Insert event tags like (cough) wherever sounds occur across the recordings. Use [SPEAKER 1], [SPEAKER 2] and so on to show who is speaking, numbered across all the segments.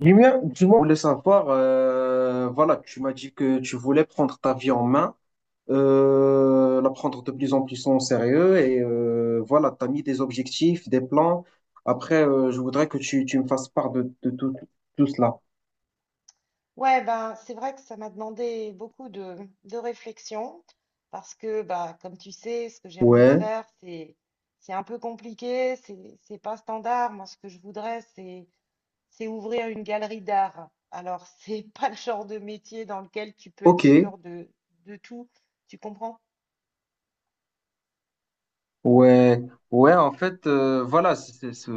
[SPEAKER 1] Julien, dis-moi, je voulais savoir, voilà, tu m'as dit que tu voulais prendre ta vie en main, la prendre de plus en plus en sérieux et voilà, tu as mis des objectifs, des plans. Après, je voudrais que tu me fasses part de tout, tout cela.
[SPEAKER 2] Ouais, ben, c'est vrai que ça m'a demandé beaucoup de réflexion parce que, bah, comme tu sais, ce que j'ai envie de
[SPEAKER 1] Ouais,
[SPEAKER 2] faire, c'est un peu compliqué, c'est pas standard. Moi, ce que je voudrais, c'est ouvrir une galerie d'art. Alors, c'est (laughs) pas le genre de métier dans lequel tu peux être
[SPEAKER 1] ok,
[SPEAKER 2] sûr de tout. Tu comprends?
[SPEAKER 1] ouais, ouais, en fait, voilà, c'est c'est- c'est-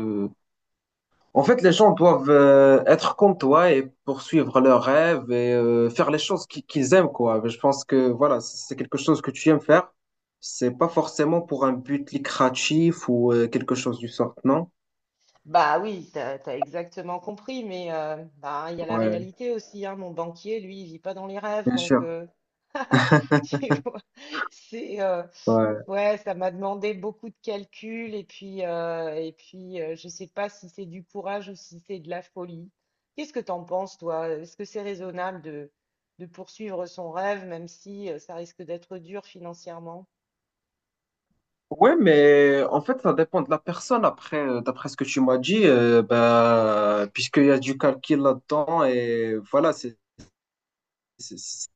[SPEAKER 1] En fait, les gens doivent être comme toi et poursuivre leurs rêves et faire les choses qu'ils aiment, quoi. Je pense que voilà, c'est quelque chose que tu aimes faire. C'est pas forcément pour un but lucratif ou quelque chose du sort, non?
[SPEAKER 2] Bah oui, t'as exactement compris, mais bah, il y a la
[SPEAKER 1] Ouais,
[SPEAKER 2] réalité aussi, hein. Mon banquier, lui, il vit pas dans les rêves,
[SPEAKER 1] bien
[SPEAKER 2] donc
[SPEAKER 1] sûr.
[SPEAKER 2] (laughs) tu vois, c'est Ouais, ça m'a demandé beaucoup de calculs et puis je sais pas si c'est du courage ou si c'est de la folie. Qu'est-ce que t'en penses, toi? Est-ce que c'est raisonnable de poursuivre son rêve, même si ça risque d'être dur financièrement?
[SPEAKER 1] Ouais, mais en fait, ça dépend de la personne. Après, d'après ce que tu m'as dit, bah, puisqu'il y a du calcul là-dedans et voilà, c'est-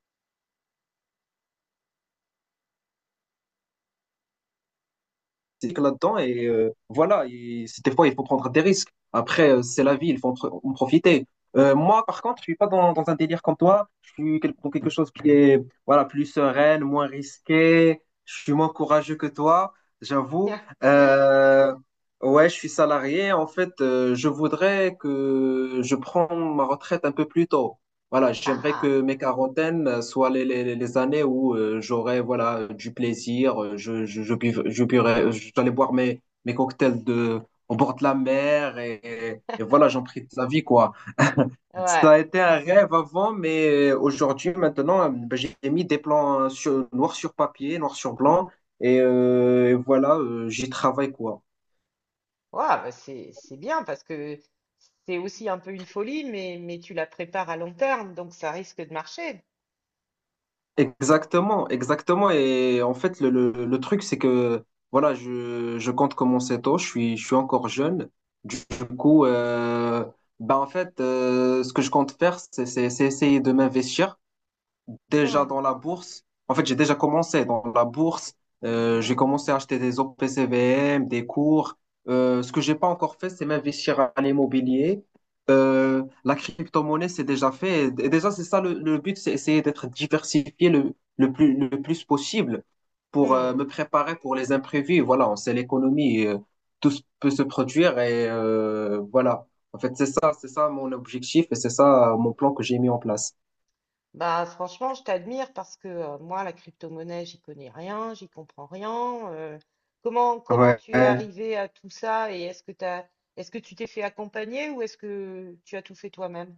[SPEAKER 1] s'éclate là-dedans et voilà, des fois, il faut prendre des risques. Après, c'est la vie, il faut en profiter. Moi, par contre, je suis pas dans un délire comme toi. Je suis dans quelque chose qui est voilà, plus sereine, moins risqué. Je suis moins courageux que toi, j'avoue.
[SPEAKER 2] (laughs)
[SPEAKER 1] Euh, ouais, je suis salarié. En fait, je voudrais que je prenne ma retraite un peu plus tôt. Voilà, j'aimerais
[SPEAKER 2] Ah,
[SPEAKER 1] que mes quarantaines soient les années où j'aurais voilà du plaisir, je buv- je buirais- j'allais boire mes cocktails de au bord de la mer et voilà, j'en prie de la vie quoi.
[SPEAKER 2] ouais, ouais,
[SPEAKER 1] Ça a été un rêve avant, mais aujourd'hui maintenant, ben, j'ai mis des plans sur, noir sur papier, noir sur blanc et voilà, j'y travaille quoi.
[SPEAKER 2] bah c'est bien parce que c'est aussi un peu une folie, mais tu la prépares à long terme, donc ça risque de marcher.
[SPEAKER 1] Exactement, exactement. Et en fait, le truc, c'est que voilà, je compte commencer tôt, je suis encore jeune. Du coup, bah en fait, ce que je compte faire, c'est essayer de m'investir déjà
[SPEAKER 2] Hmm,
[SPEAKER 1] dans la bourse. En fait, j'ai déjà commencé dans la bourse. J'ai commencé à acheter des OPCVM, des cours. Ce que j'ai pas encore fait, c'est m'investir à l'immobilier. La crypto-monnaie, c'est déjà fait. Et déjà, c'est ça le but, c'est essayer d'être diversifié le plus possible pour
[SPEAKER 2] hmm.
[SPEAKER 1] me préparer pour les imprévus. Voilà, on sait l'économie, peut se produire et voilà. En fait, c'est ça mon objectif et c'est ça mon plan que j'ai mis en place.
[SPEAKER 2] Bah, franchement, je t'admire parce que moi, la crypto-monnaie, j'y connais rien, j'y comprends rien. Comment, comment
[SPEAKER 1] Ouais.
[SPEAKER 2] tu es arrivé à tout ça et est-ce que t'as, est-ce que tu t'es fait accompagner ou est-ce que tu as tout fait toi-même?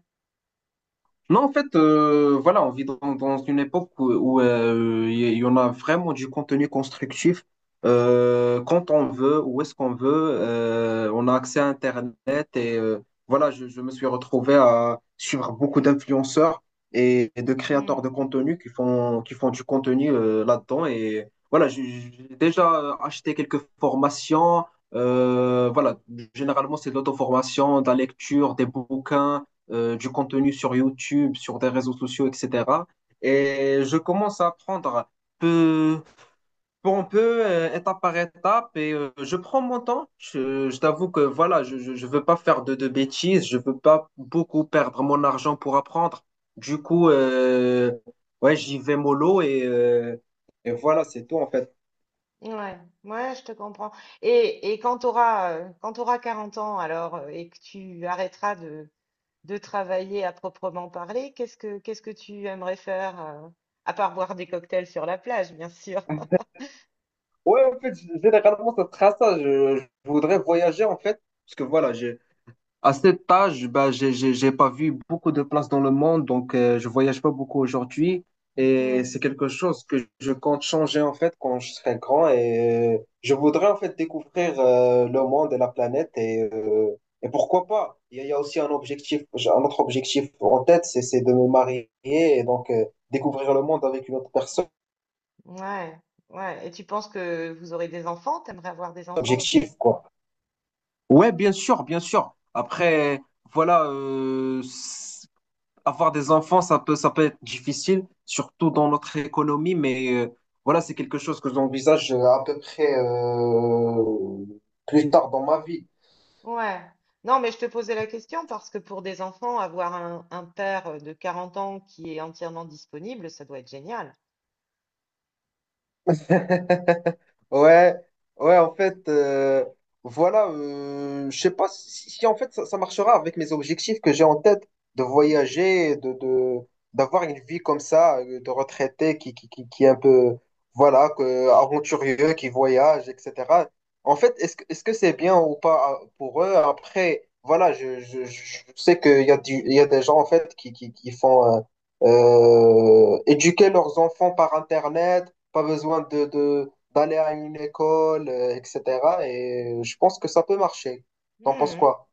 [SPEAKER 1] Non, en fait, voilà, on vit dans, dans une époque où, où, il y, en a vraiment du contenu constructif quand on veut, où est-ce qu'on veut. On a accès à Internet et voilà, je me suis retrouvé à suivre beaucoup d'influenceurs et de créateurs de
[SPEAKER 2] Hmm.
[SPEAKER 1] contenu qui font du contenu là-dedans. Et voilà, j'ai déjà acheté quelques formations. Voilà, généralement, c'est de l'auto-formation, de la lecture, des bouquins du contenu sur YouTube, sur des réseaux sociaux, etc. Et je commence à apprendre peu pour peu, étape par étape, et je prends mon temps. Je t'avoue que voilà, je ne veux pas faire de bêtises, je veux pas beaucoup perdre mon argent pour apprendre. Du coup, ouais, j'y vais mollo et voilà, c'est tout en fait.
[SPEAKER 2] Ouais, ouais, je te comprends. Et quand tu auras, quand tu 40 ans alors et que tu arrêteras de travailler à proprement parler, qu'est-ce que tu aimerais faire, à part boire des cocktails sur la plage, bien sûr?
[SPEAKER 1] Ouais, en fait, généralement, ça sera ça. Je voudrais voyager en fait, parce que voilà, à cet âge, bah, j'ai pas vu beaucoup de places dans le monde, donc je voyage pas beaucoup aujourd'hui. Et c'est quelque chose que je compte changer en fait quand je serai grand. Et je voudrais en fait découvrir le monde et la planète. Et pourquoi pas? Il y a aussi un objectif, j'ai un autre objectif en tête, c'est de me marier et donc découvrir le monde avec une autre personne.
[SPEAKER 2] Ouais, ouais. Et tu penses que vous aurez des enfants? T'aimerais avoir des enfants aussi?
[SPEAKER 1] Objectif, quoi. Ouais, bien sûr, bien sûr. Après, voilà, avoir des enfants, ça peut être difficile, surtout dans notre économie, mais voilà, c'est quelque chose que j'envisage à peu près plus tard dans ma vie.
[SPEAKER 2] Ouais. Non, mais je te posais la question parce que pour des enfants, avoir un père de 40 ans qui est entièrement disponible, ça doit être génial.
[SPEAKER 1] (laughs) Ouais, ouais, en fait, voilà, je sais pas si, en fait ça marchera avec mes objectifs que j'ai en tête de voyager, d'avoir une vie comme ça, de retraité qui est un peu, voilà, que, aventurieux, qui voyage, etc. En fait, est-ce que c'est bien ou pas pour eux? Après, voilà, je sais qu'il y a du, il y a des gens en fait qui font éduquer leurs enfants par Internet, pas besoin d'aller à une école, etc. Et je pense que ça peut marcher. T'en penses
[SPEAKER 2] Mhm.
[SPEAKER 1] quoi?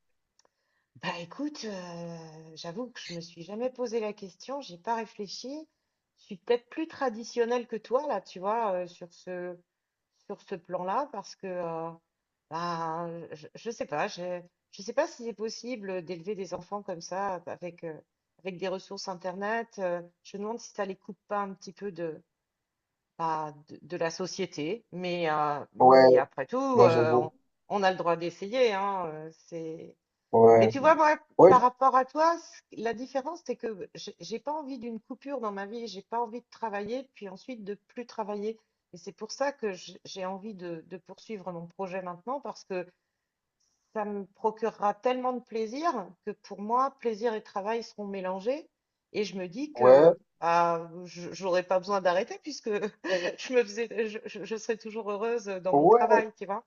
[SPEAKER 2] Bah écoute, j'avoue que je me suis jamais posé la question, j'ai pas réfléchi. Je suis peut-être plus traditionnelle que toi là, tu vois, sur ce plan-là, parce que bah je sais pas si c'est possible d'élever des enfants comme ça avec avec des ressources internet. Je me demande si ça les coupe pas un petit peu de bah, de la société,
[SPEAKER 1] Ouais,
[SPEAKER 2] mais après tout,
[SPEAKER 1] ouais, j'avoue.
[SPEAKER 2] on a le droit d'essayer, hein. C'est mais
[SPEAKER 1] Ouais,
[SPEAKER 2] tu vois, moi,
[SPEAKER 1] ouais,
[SPEAKER 2] par rapport à toi, la différence, c'est que j'ai pas envie d'une coupure dans ma vie, j'ai pas envie de travailler, puis ensuite de plus travailler. Et c'est pour ça que j'ai envie de poursuivre mon projet maintenant, parce que ça me procurera tellement de plaisir que pour moi, plaisir et travail seront mélangés. Et je me dis
[SPEAKER 1] ouais,
[SPEAKER 2] que bah, j'aurais pas besoin d'arrêter puisque (laughs) je me faisais, je serais toujours heureuse dans mon
[SPEAKER 1] ouais,
[SPEAKER 2] travail, tu vois.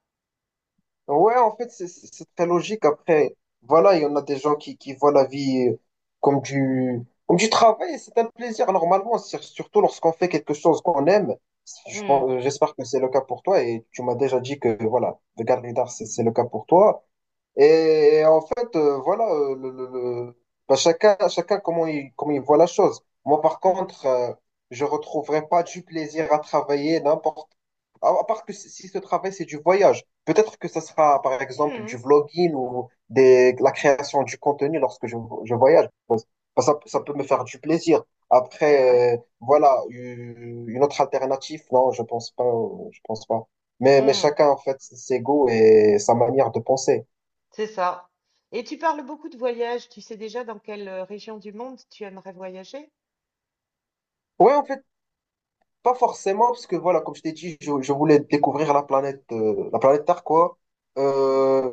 [SPEAKER 1] ouais, en fait, c'est très logique. Après, voilà, il y en a des gens qui voient la vie comme du, comme du travail et c'est un plaisir, normalement, surtout lorsqu'on fait quelque chose qu'on aime.
[SPEAKER 2] Hmm.
[SPEAKER 1] J'espère que c'est le cas pour toi et tu m'as déjà dit que, voilà, le garde c'est le cas pour toi. Et en fait, voilà, le- bah, chacun, chacun comment comment il voit la chose. Moi, par
[SPEAKER 2] Hmm.
[SPEAKER 1] contre, je retrouverai pas du plaisir à travailler n'importe. À part que si ce travail, c'est du voyage. Peut-être que ce sera, par exemple,
[SPEAKER 2] Hmm.
[SPEAKER 1] du vlogging ou des, la création du contenu lorsque je voyage. Bah, ça peut me faire du plaisir.
[SPEAKER 2] Ouais.
[SPEAKER 1] Après, voilà, une autre alternative, non, je pense pas, je pense pas. Mais
[SPEAKER 2] Hmm.
[SPEAKER 1] chacun, en fait, ses goûts et sa manière de penser.
[SPEAKER 2] C'est ça. Et tu parles beaucoup de voyages. Tu sais déjà dans quelle région du monde tu aimerais voyager?
[SPEAKER 1] Ouais, en fait, pas forcément, parce que voilà, comme je t'ai dit, je voulais découvrir la planète Terre, quoi. Euh,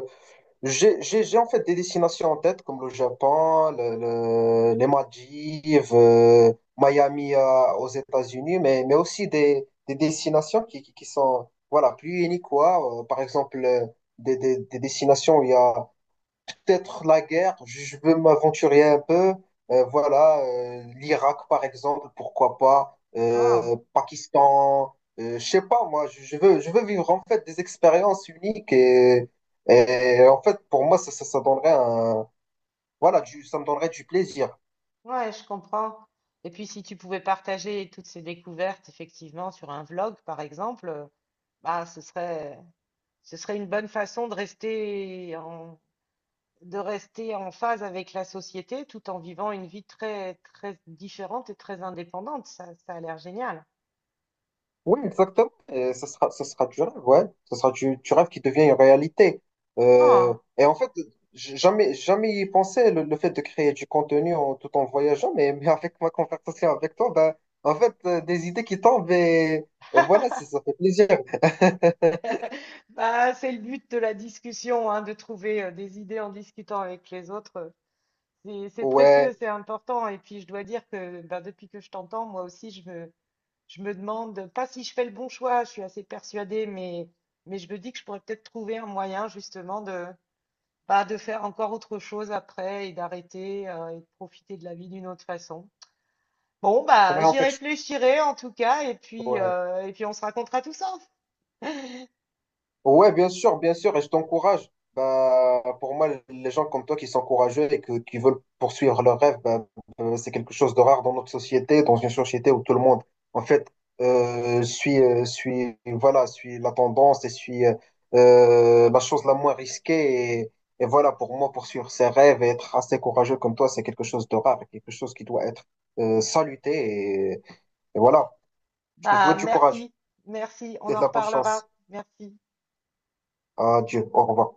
[SPEAKER 1] j'ai en fait des destinations en tête, comme le Japon, les Maldives, Miami, aux États-Unis, mais aussi des destinations qui sont voilà, plus uniques, quoi. Par exemple, des destinations où il y a peut-être la guerre, je veux m'aventurer un peu. Voilà, l'Irak par exemple, pourquoi pas,
[SPEAKER 2] Ah,
[SPEAKER 1] Pakistan, je sais pas, moi, je veux vivre en fait des expériences uniques et en fait, pour moi, ça donnerait un, voilà, du, ça me donnerait du plaisir.
[SPEAKER 2] ouais, je comprends. Et puis, si tu pouvais partager toutes ces découvertes, effectivement, sur un vlog, par exemple, bah, ce serait une bonne façon de rester en phase avec la société tout en vivant une vie très, très différente et très indépendante. Ça a l'air génial.
[SPEAKER 1] Oui, exactement. Et ce sera du rêve, ouais. Ce sera du rêve qui devient une réalité.
[SPEAKER 2] Ah,
[SPEAKER 1] Et en fait, jamais, jamais y penser le fait de créer du contenu en, tout en voyageant, mais avec ma conversation avec toi, ben, en fait, des idées qui tombent et voilà, ça fait plaisir. (laughs)
[SPEAKER 2] bah, c'est le but de la discussion, hein, de trouver des idées en discutant avec les autres. C'est précieux,
[SPEAKER 1] Ouais,
[SPEAKER 2] c'est important. Et puis, je dois dire que ben, depuis que je t'entends, moi aussi, je me demande, pas si je fais le bon choix, je suis assez persuadée, mais je me dis que je pourrais peut-être trouver un moyen justement de, bah, de faire encore autre chose après et d'arrêter et de profiter de la vie d'une autre façon. Bon, bah,
[SPEAKER 1] ouais, en
[SPEAKER 2] j'y
[SPEAKER 1] fait,
[SPEAKER 2] réfléchirai en tout cas,
[SPEAKER 1] ouais.
[SPEAKER 2] et puis on se racontera tout ça. (laughs)
[SPEAKER 1] Ouais, bien sûr, et je t'encourage. Bah, pour moi, les gens comme toi qui sont courageux qui veulent poursuivre leurs rêves, bah, c'est quelque chose de rare dans notre société, dans une société où tout le monde, en fait, suit, voilà, suit la tendance et suit la chose la moins risquée. Et voilà, pour moi, poursuivre ses rêves et être assez courageux comme toi, c'est quelque chose de rare, et quelque chose qui doit être saluté. Et, et voilà, je te
[SPEAKER 2] Bah,
[SPEAKER 1] souhaite du courage
[SPEAKER 2] merci, merci,
[SPEAKER 1] et
[SPEAKER 2] on
[SPEAKER 1] de
[SPEAKER 2] en
[SPEAKER 1] la bonne chance.
[SPEAKER 2] reparlera. Merci.
[SPEAKER 1] Adieu, au revoir.